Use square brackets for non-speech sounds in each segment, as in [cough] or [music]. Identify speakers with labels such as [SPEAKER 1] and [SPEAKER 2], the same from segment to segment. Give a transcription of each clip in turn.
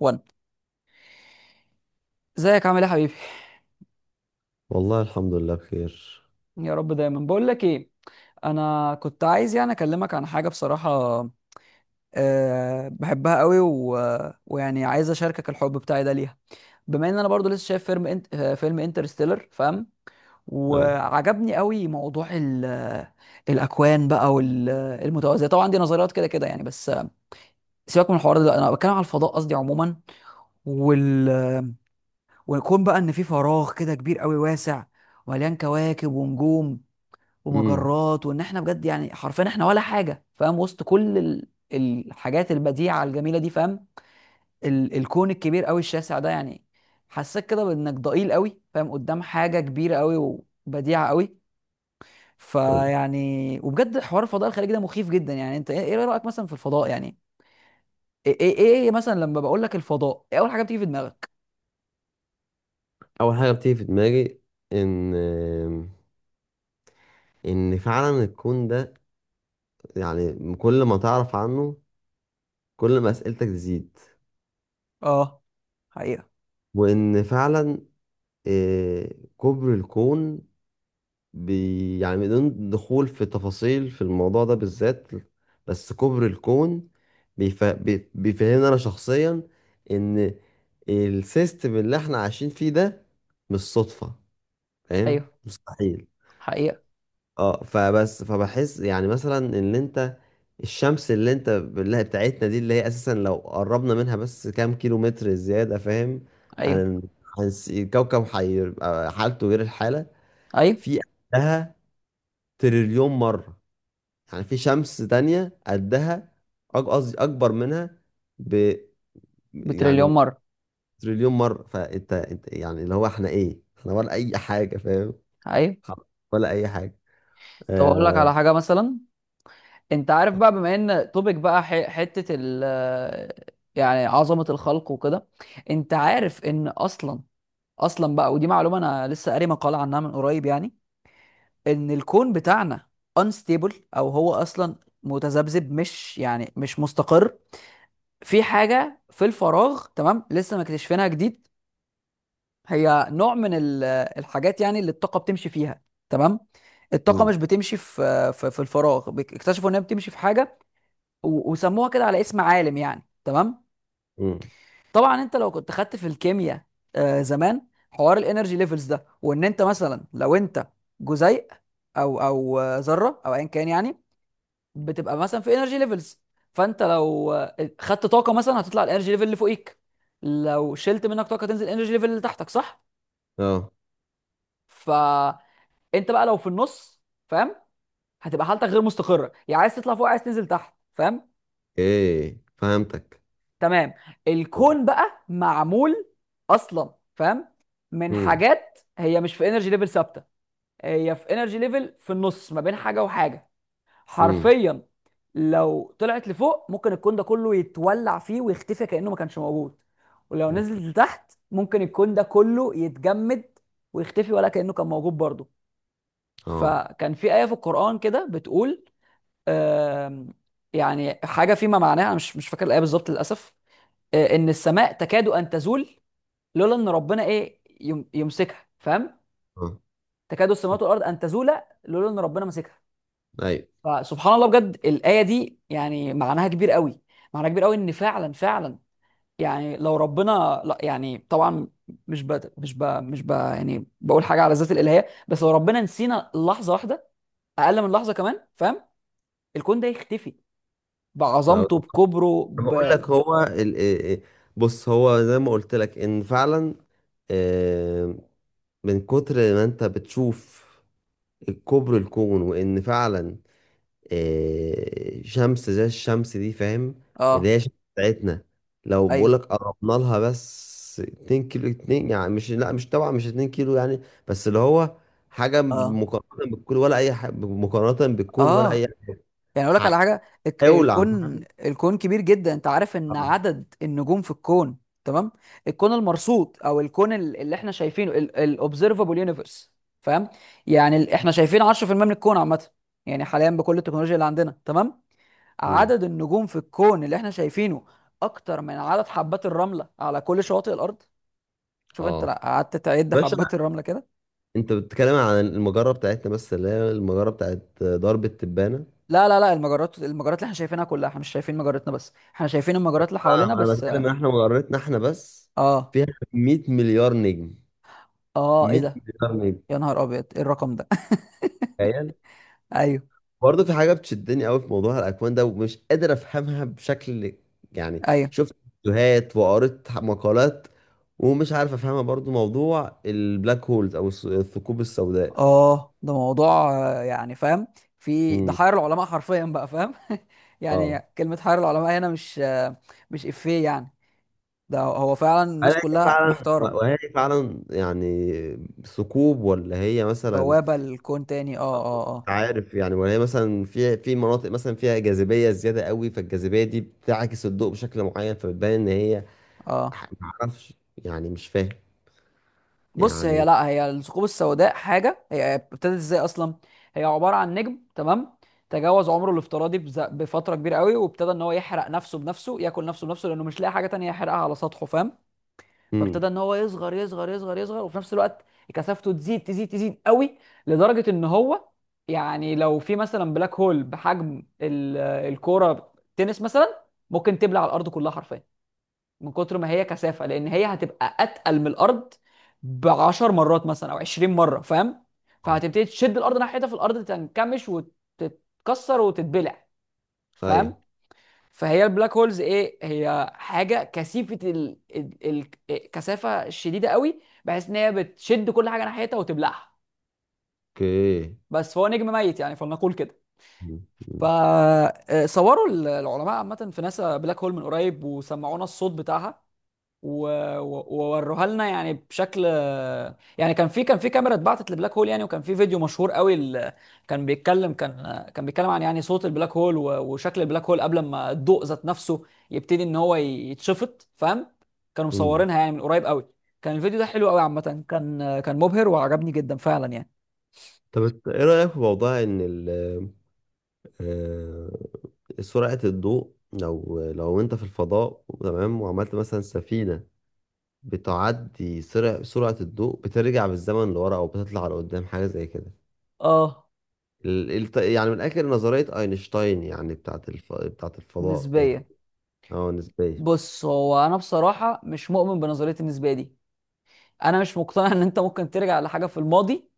[SPEAKER 1] وان، ازيك؟ عامل ايه يا حبيبي؟
[SPEAKER 2] والله الحمد لله بخير.
[SPEAKER 1] يا رب دايما. بقول لك ايه، انا كنت عايز يعني اكلمك عن حاجه بصراحه. أه، بحبها قوي ويعني عايز اشاركك الحب بتاعي ده ليها. بما ان انا برضو لسه شايف فيلم انت... آه، فيلم انترستيلر، فاهم.
[SPEAKER 2] أيوة.
[SPEAKER 1] وعجبني قوي موضوع الاكوان بقى والمتوازيه، طبعا دي نظريات كده كده يعني بس سيبك من الحوار ده، انا بتكلم على الفضاء قصدي عموما. وال... ويكون بقى ان في فراغ كده كبير قوي واسع، مليان كواكب ونجوم
[SPEAKER 2] امم.
[SPEAKER 1] ومجرات، وان احنا بجد يعني حرفيا احنا ولا حاجه، فاهم، وسط كل الحاجات البديعه الجميله دي، فاهم. الكون الكبير قوي الشاسع ده يعني حسيت كده بانك ضئيل قوي، فاهم، قدام حاجه كبيره قوي وبديعه قوي.
[SPEAKER 2] أيوة.
[SPEAKER 1] فيعني وبجد حوار الفضاء الخارجي ده مخيف جدا يعني. انت ايه رايك مثلا في الفضاء يعني؟ ايه ايه, إيه إيه مثلا لما بقول لك الفضاء، ايه اول حاجه بتيجي في دماغك؟
[SPEAKER 2] اول حاجه بتيجي في دماغي ان ان فعلا الكون ده، يعني كل ما تعرف عنه، كل ما اسئلتك تزيد،
[SPEAKER 1] اه، حقيقه.
[SPEAKER 2] وان فعلا آه، كبر الكون، يعني بدون دخول في تفاصيل في الموضوع ده بالذات، بس كبر الكون بيفهمني انا شخصيا، ان السيستم اللي احنا عايشين فيه ده مش صدفه، فاهم،
[SPEAKER 1] ايوه،
[SPEAKER 2] مستحيل.
[SPEAKER 1] حقيقه.
[SPEAKER 2] اه، فبس، فبحس يعني مثلا ان انت الشمس، اللي انت اللي هي بتاعتنا دي، اللي هي اساسا لو قربنا منها بس كام كيلو متر زيادة، فاهم،
[SPEAKER 1] ايوه.
[SPEAKER 2] هن... الكوكب هيبقى حالته غير الحالة،
[SPEAKER 1] ايوه،
[SPEAKER 2] في قدها تريليون مرة، يعني في شمس تانية قدها قصدي اكبر منها ب،
[SPEAKER 1] بتريليون
[SPEAKER 2] يعني،
[SPEAKER 1] مره.
[SPEAKER 2] تريليون مرة. فانت يعني، اللي هو احنا ايه، احنا ولا اي حاجة، فاهم،
[SPEAKER 1] ايوه.
[SPEAKER 2] ولا اي حاجة.
[SPEAKER 1] طب اقول لك
[SPEAKER 2] آه...
[SPEAKER 1] على حاجه مثلا، انت عارف بقى بما ان توبيك بقى حتة يعني عظمة الخلق وكده. انت عارف ان اصلا، بقى ودي معلومة انا لسه قاري مقالة عنها من قريب يعني، ان الكون بتاعنا unstable، او هو اصلا متذبذب، مش مستقر. في حاجة في الفراغ، تمام، لسه مكتشفينها جديد. هي نوع من الحاجات يعني اللي الطاقة بتمشي فيها، تمام. الطاقة
[SPEAKER 2] م.
[SPEAKER 1] مش بتمشي في الفراغ، اكتشفوا انها بتمشي في حاجة وسموها كده على اسم عالم يعني، تمام.
[SPEAKER 2] م.
[SPEAKER 1] طبعا انت لو كنت خدت في الكيمياء آه زمان، حوار الانرجي ليفلز ده، وان انت مثلا لو انت جزيء او ذره او ايا كان يعني، بتبقى مثلا في انرجي ليفلز. فانت لو خدت طاقه مثلا هتطلع الانرجي ليفل اللي فوقيك، لو شلت منك طاقه تنزل الانرجي ليفل اللي تحتك، صح؟
[SPEAKER 2] اه،
[SPEAKER 1] فانت بقى لو في النص، فاهم، هتبقى حالتك غير مستقره، يا عايز تطلع فوق عايز تنزل تحت، فاهم.
[SPEAKER 2] ايه فهمتك.
[SPEAKER 1] تمام. الكون بقى معمول اصلا، فاهم، من
[SPEAKER 2] امم،
[SPEAKER 1] حاجات هي مش في انرجي ليفل ثابته، هي في انرجي ليفل في النص ما بين حاجه وحاجه،
[SPEAKER 2] امم.
[SPEAKER 1] حرفيا. لو طلعت لفوق ممكن الكون ده كله يتولع فيه ويختفي كانه ما كانش موجود، ولو نزلت
[SPEAKER 2] اوكي.
[SPEAKER 1] لتحت ممكن الكون ده كله يتجمد ويختفي ولا كانه كان موجود برضه.
[SPEAKER 2] اه،
[SPEAKER 1] فكان في ايه في القران كده بتقول آم، يعني حاجه فيما معناها، أنا مش فاكر الايه بالظبط للاسف. ان السماء تكاد ان تزول لولا ان ربنا ايه يمسكها، فاهم.
[SPEAKER 2] اه.
[SPEAKER 1] تكاد السماوات والارض ان تزولا لولا ان ربنا مسكها.
[SPEAKER 2] ايوه.
[SPEAKER 1] فسبحان الله، بجد الايه دي يعني معناها كبير قوي، معناها كبير قوي، ان فعلا فعلا يعني لو ربنا، لا يعني طبعا، مش ب... مش ب... مش ب... يعني بقول حاجه على ذات الالهيه، بس لو ربنا نسينا لحظه واحده، اقل من لحظه كمان، فاهم، الكون ده يختفي
[SPEAKER 2] ما هو-
[SPEAKER 1] بعظمته بكبره
[SPEAKER 2] أنا
[SPEAKER 1] ب...
[SPEAKER 2] بقول لك إيه. بص، هو زي ما قلت لك ان فعلا، آه، من كتر ما انت بتشوف الكبر الكون وان فعلا، شمس زي الشمس دي، فاهم، اللي
[SPEAKER 1] اه.
[SPEAKER 2] هي الشمس بتاعتنا، لو
[SPEAKER 1] ايوه.
[SPEAKER 2] بقولك قربنا لها بس 2 كيلو، 2 يعني، مش، لا، مش طبعا، مش 2 كيلو يعني، بس اللي هو حاجة
[SPEAKER 1] اه
[SPEAKER 2] مقارنة بالكون، ولا أي حاجة، مقارنة بالكون، ولا أي
[SPEAKER 1] اه. يعني اقول لك على
[SPEAKER 2] حاجة
[SPEAKER 1] حاجه.
[SPEAKER 2] هيولع، فاهم؟
[SPEAKER 1] الكون كبير جدا، انت عارف ان
[SPEAKER 2] اه.
[SPEAKER 1] عدد النجوم في الكون، تمام، الكون المرصود او الكون اللي احنا شايفينه، الاوبزرفابل يونيفرس، فاهم، يعني احنا شايفين 10% من الكون عامه، يعني حاليا بكل التكنولوجيا اللي عندنا، تمام.
[SPEAKER 2] مم.
[SPEAKER 1] عدد النجوم في الكون اللي احنا شايفينه اكتر من عدد حبات الرمله على كل شواطئ الارض. شوف انت
[SPEAKER 2] آه.
[SPEAKER 1] لو قعدت تعد
[SPEAKER 2] باشا،
[SPEAKER 1] حبات الرمله كده.
[SPEAKER 2] انت بتتكلم عن المجرة بتاعتنا بس اللي هي المجرة بتاعت درب التبانة؟
[SPEAKER 1] لا لا لا، المجرات اللي احنا شايفينها كلها، احنا مش شايفين مجرتنا بس، احنا شايفين المجرات اللي حوالينا
[SPEAKER 2] أنا
[SPEAKER 1] بس.
[SPEAKER 2] بتكلم ان احنا مجرتنا احنا بس،
[SPEAKER 1] اه
[SPEAKER 2] فيها 100 مليار نجم،
[SPEAKER 1] اه، ايه
[SPEAKER 2] 100
[SPEAKER 1] ده؟
[SPEAKER 2] مليار نجم،
[SPEAKER 1] يا نهار ابيض، ايه الرقم ده؟
[SPEAKER 2] تخيل.
[SPEAKER 1] [laughs] ايوه.
[SPEAKER 2] برضه في حاجه بتشدني قوي في موضوع الاكوان ده ومش قادر افهمها بشكل، يعني،
[SPEAKER 1] ايوه،
[SPEAKER 2] شفت فيديوهات وقريت مقالات، ومش عارف افهمها برضه، موضوع البلاك هولز او الثقوب السوداء.
[SPEAKER 1] اه، ده موضوع يعني فاهم، في ده
[SPEAKER 2] امم.
[SPEAKER 1] حير العلماء حرفيا بقى، فاهم [laughs] يعني
[SPEAKER 2] اه.
[SPEAKER 1] كلمة حير العلماء هنا مش افيه يعني، ده هو فعلا
[SPEAKER 2] هل
[SPEAKER 1] الناس
[SPEAKER 2] هي
[SPEAKER 1] كلها
[SPEAKER 2] فعلا،
[SPEAKER 1] محتارة.
[SPEAKER 2] وهي فعلا يعني، ثقوب، ولا هي مثلا،
[SPEAKER 1] بوابة لكون تاني؟ اه اه
[SPEAKER 2] مش
[SPEAKER 1] اه
[SPEAKER 2] عارف يعني، ولا هي مثلا، في مناطق مثلا فيها جاذبيه زياده قوي، فالجاذبيه دي بتعكس الضوء بشكل معين، فبتبان ان هي،
[SPEAKER 1] اه.
[SPEAKER 2] ما اعرفش، يعني مش فاهم.
[SPEAKER 1] بص، هي،
[SPEAKER 2] يعني،
[SPEAKER 1] لا، هي الثقوب السوداء حاجة، هي ابتدت ازاي اصلا؟ هي عبارة عن نجم، تمام، تجاوز عمره الافتراضي بفترة كبيرة قوي وابتدى ان هو يحرق نفسه بنفسه، ياكل نفسه بنفسه، لانه مش لاقي حاجة تانية يحرقها على سطحه، فاهم. فابتدى
[SPEAKER 2] امم،
[SPEAKER 1] ان هو يصغر يصغر يصغر يصغر، وفي نفس الوقت كثافته تزيد تزيد تزيد قوي، لدرجه ان هو يعني لو في مثلا بلاك هول بحجم الكوره تنس مثلا، ممكن تبلع الارض كلها حرفيا من كتر ما هي كثافه، لان هي هتبقى اتقل من الارض ب 10 مرات مثلا او 20 مره، فاهم. فهتبتدي تشد الارض ناحيتها، في الارض تنكمش وتتكسر وتتبلع،
[SPEAKER 2] ايوه،
[SPEAKER 1] فاهم. فهي البلاك هولز ايه، هي حاجه كثيفه كثافه شديده قوي، بحيث ان هي بتشد كل حاجه ناحيتها وتبلعها.
[SPEAKER 2] اوكي.
[SPEAKER 1] بس فهو نجم ميت يعني، فلنقول كده.
[SPEAKER 2] مم. مم.
[SPEAKER 1] فصوروا العلماء عامه في ناسا بلاك هول من قريب وسمعونا الصوت بتاعها ووروها لنا يعني بشكل يعني. كان في كاميرا اتبعتت لبلاك هول يعني، وكان في فيديو مشهور قوي ال- كان بيتكلم كان كان بيتكلم عن يعني صوت البلاك هول وشكل البلاك هول، قبل ما الضوء ذات نفسه يبتدي ان هو يتشفط، فاهم. كانوا
[SPEAKER 2] مم.
[SPEAKER 1] مصورينها يعني من قريب قوي. كان الفيديو ده حلو قوي عامة، كان مبهر وعجبني جدا فعلا يعني.
[SPEAKER 2] طب، ايه رأيك في موضوع ان آه، سرعة الضوء، لو انت في الفضاء، تمام، وعملت مثلا سفينة بتعدي سرعة الضوء، بترجع بالزمن لورا او بتطلع لقدام، حاجة زي كده،
[SPEAKER 1] اه،
[SPEAKER 2] يعني من الاخر نظرية اينشتاين، يعني، بتاعت الفضاء يعني.
[SPEAKER 1] نسبيا.
[SPEAKER 2] اه، نسبية.
[SPEAKER 1] بص هو انا بصراحة مش مؤمن بنظرية النسبية دي. انا مش مقتنع ان انت ممكن ترجع لحاجة في الماضي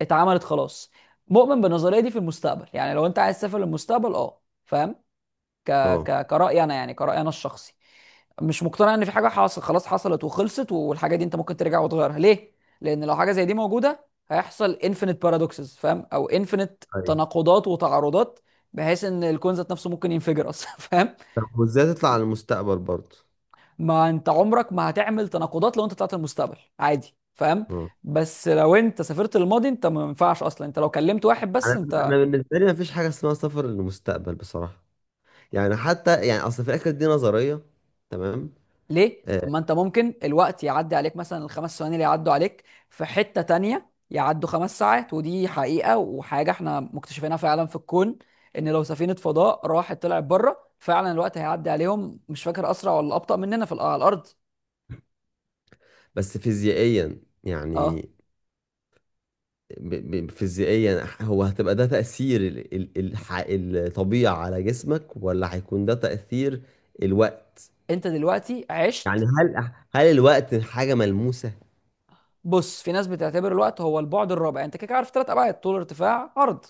[SPEAKER 1] اتعملت خلاص. مؤمن بالنظريه دي في المستقبل، يعني لو انت عايز تسافر للمستقبل اه، فاهم. ك...
[SPEAKER 2] اه،
[SPEAKER 1] كرأي انا يعني، كرأي انا الشخصي، مش مقتنع ان في حاجه حاصل خلاص، حصلت وخلصت، والحاجه دي انت ممكن ترجع وتغيرها، ليه؟ لان لو حاجه زي دي موجوده، هيحصل انفينيت بارادوكسز فاهم، او انفينيت
[SPEAKER 2] ايوه.
[SPEAKER 1] تناقضات وتعارضات، بحيث ان الكون ذات نفسه ممكن ينفجر اصلا [laughs] فاهم.
[SPEAKER 2] طب وازاي تطلع على المستقبل برضه؟
[SPEAKER 1] ما انت عمرك ما هتعمل تناقضات لو انت طلعت المستقبل عادي، فاهم.
[SPEAKER 2] آه.
[SPEAKER 1] بس لو انت سافرت للماضي، انت ما ينفعش اصلا، انت لو كلمت واحد بس.
[SPEAKER 2] انا أنا بالنسبه لي مفيش حاجه اسمها سفر للمستقبل بصراحه، يعني حتى، يعني اصل في الاخر دي نظريه، تمام.
[SPEAKER 1] ليه؟ طب
[SPEAKER 2] آه
[SPEAKER 1] ما انت ممكن الوقت يعدي عليك مثلا الـ 5 ثواني اللي يعدوا عليك في حتة تانية يعدوا 5 ساعات، ودي حقيقة وحاجة احنا مكتشفينها فعلا في الكون، ان لو سفينة فضاء راحت طلعت بره، فعلا الوقت هيعدي عليهم مش فاكر اسرع ولا ابطأ مننا في على الارض.
[SPEAKER 2] بس فيزيائيا،
[SPEAKER 1] اه.
[SPEAKER 2] يعني، فيزيائيا، هو هتبقى ده تاثير الطبيعه على جسمك، ولا هيكون ده تاثير الوقت؟
[SPEAKER 1] انت دلوقتي
[SPEAKER 2] يعني،
[SPEAKER 1] عشت.
[SPEAKER 2] هل الوقت حاجه ملموسه؟
[SPEAKER 1] بص، في ناس بتعتبر الوقت هو البعد الرابع. انت كده كده عارف ثلاث ابعاد، طول ارتفاع عرض.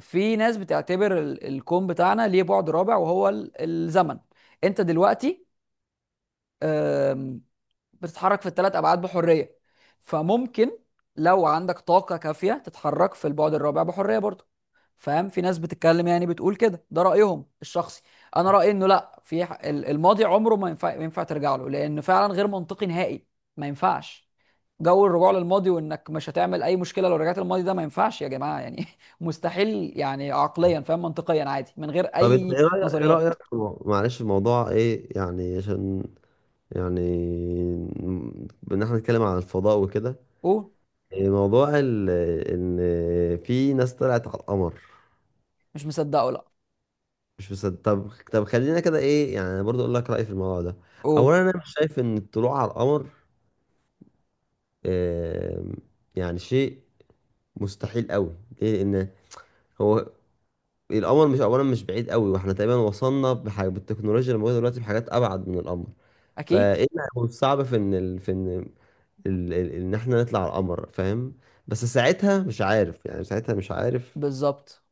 [SPEAKER 1] في ناس بتعتبر الكون بتاعنا ليه بعد رابع، وهو الزمن. انت دلوقتي بتتحرك في الثلاث ابعاد بحريه، فممكن لو عندك طاقه كافيه تتحرك في البعد الرابع بحريه برضه، فاهم. في ناس بتتكلم يعني بتقول كده، ده رايهم الشخصي. انا رايي انه لا، في الماضي عمره ما ينفع ترجع له، لانه فعلا غير منطقي نهائي، ما ينفعش. جو الرجوع للماضي وانك مش هتعمل اي مشكله لو رجعت للماضي، ده ما ينفعش يا جماعه يعني [laughs] مستحيل يعني عقليا فاهم، منطقيا عادي من غير
[SPEAKER 2] طب انت
[SPEAKER 1] اي
[SPEAKER 2] ايه رايك، ايه
[SPEAKER 1] نظريات.
[SPEAKER 2] رايك في معلش، الموضوع ايه يعني، عشان يعني، ان احنا نتكلم عن الفضاء وكده،
[SPEAKER 1] قول.
[SPEAKER 2] موضوع ان في ناس طلعت على القمر.
[SPEAKER 1] مش مصدقه، لا.
[SPEAKER 2] مش مصدق؟ طب، طب، خلينا كده، ايه يعني، أنا برضو اقول لك رايي في الموضوع ده.
[SPEAKER 1] قول.
[SPEAKER 2] اولا، انا مش شايف ان الطلوع على القمر آم، يعني شيء مستحيل قوي، ليه؟ لان هو القمر، مش، اولا مش بعيد قوي، واحنا تقريبا وصلنا بحاجة بالتكنولوجيا اللي موجوده دلوقتي، بحاجات ابعد من القمر، فايه
[SPEAKER 1] اكيد.
[SPEAKER 2] اللي هيكون صعب في ان ان احنا نطلع على القمر، فاهم، بس ساعتها مش عارف، يعني ساعتها مش عارف
[SPEAKER 1] بالظبط.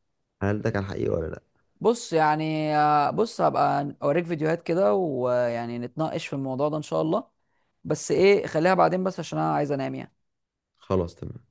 [SPEAKER 2] هل ده كان حقيقي ولا لا.
[SPEAKER 1] بص يعني آه، بص هبقى اوريك فيديوهات كده ويعني نتناقش في الموضوع ده ان شاء الله، بس ايه خليها بعدين بس عشان انا عايز انام يعني.
[SPEAKER 2] خلاص، تمام.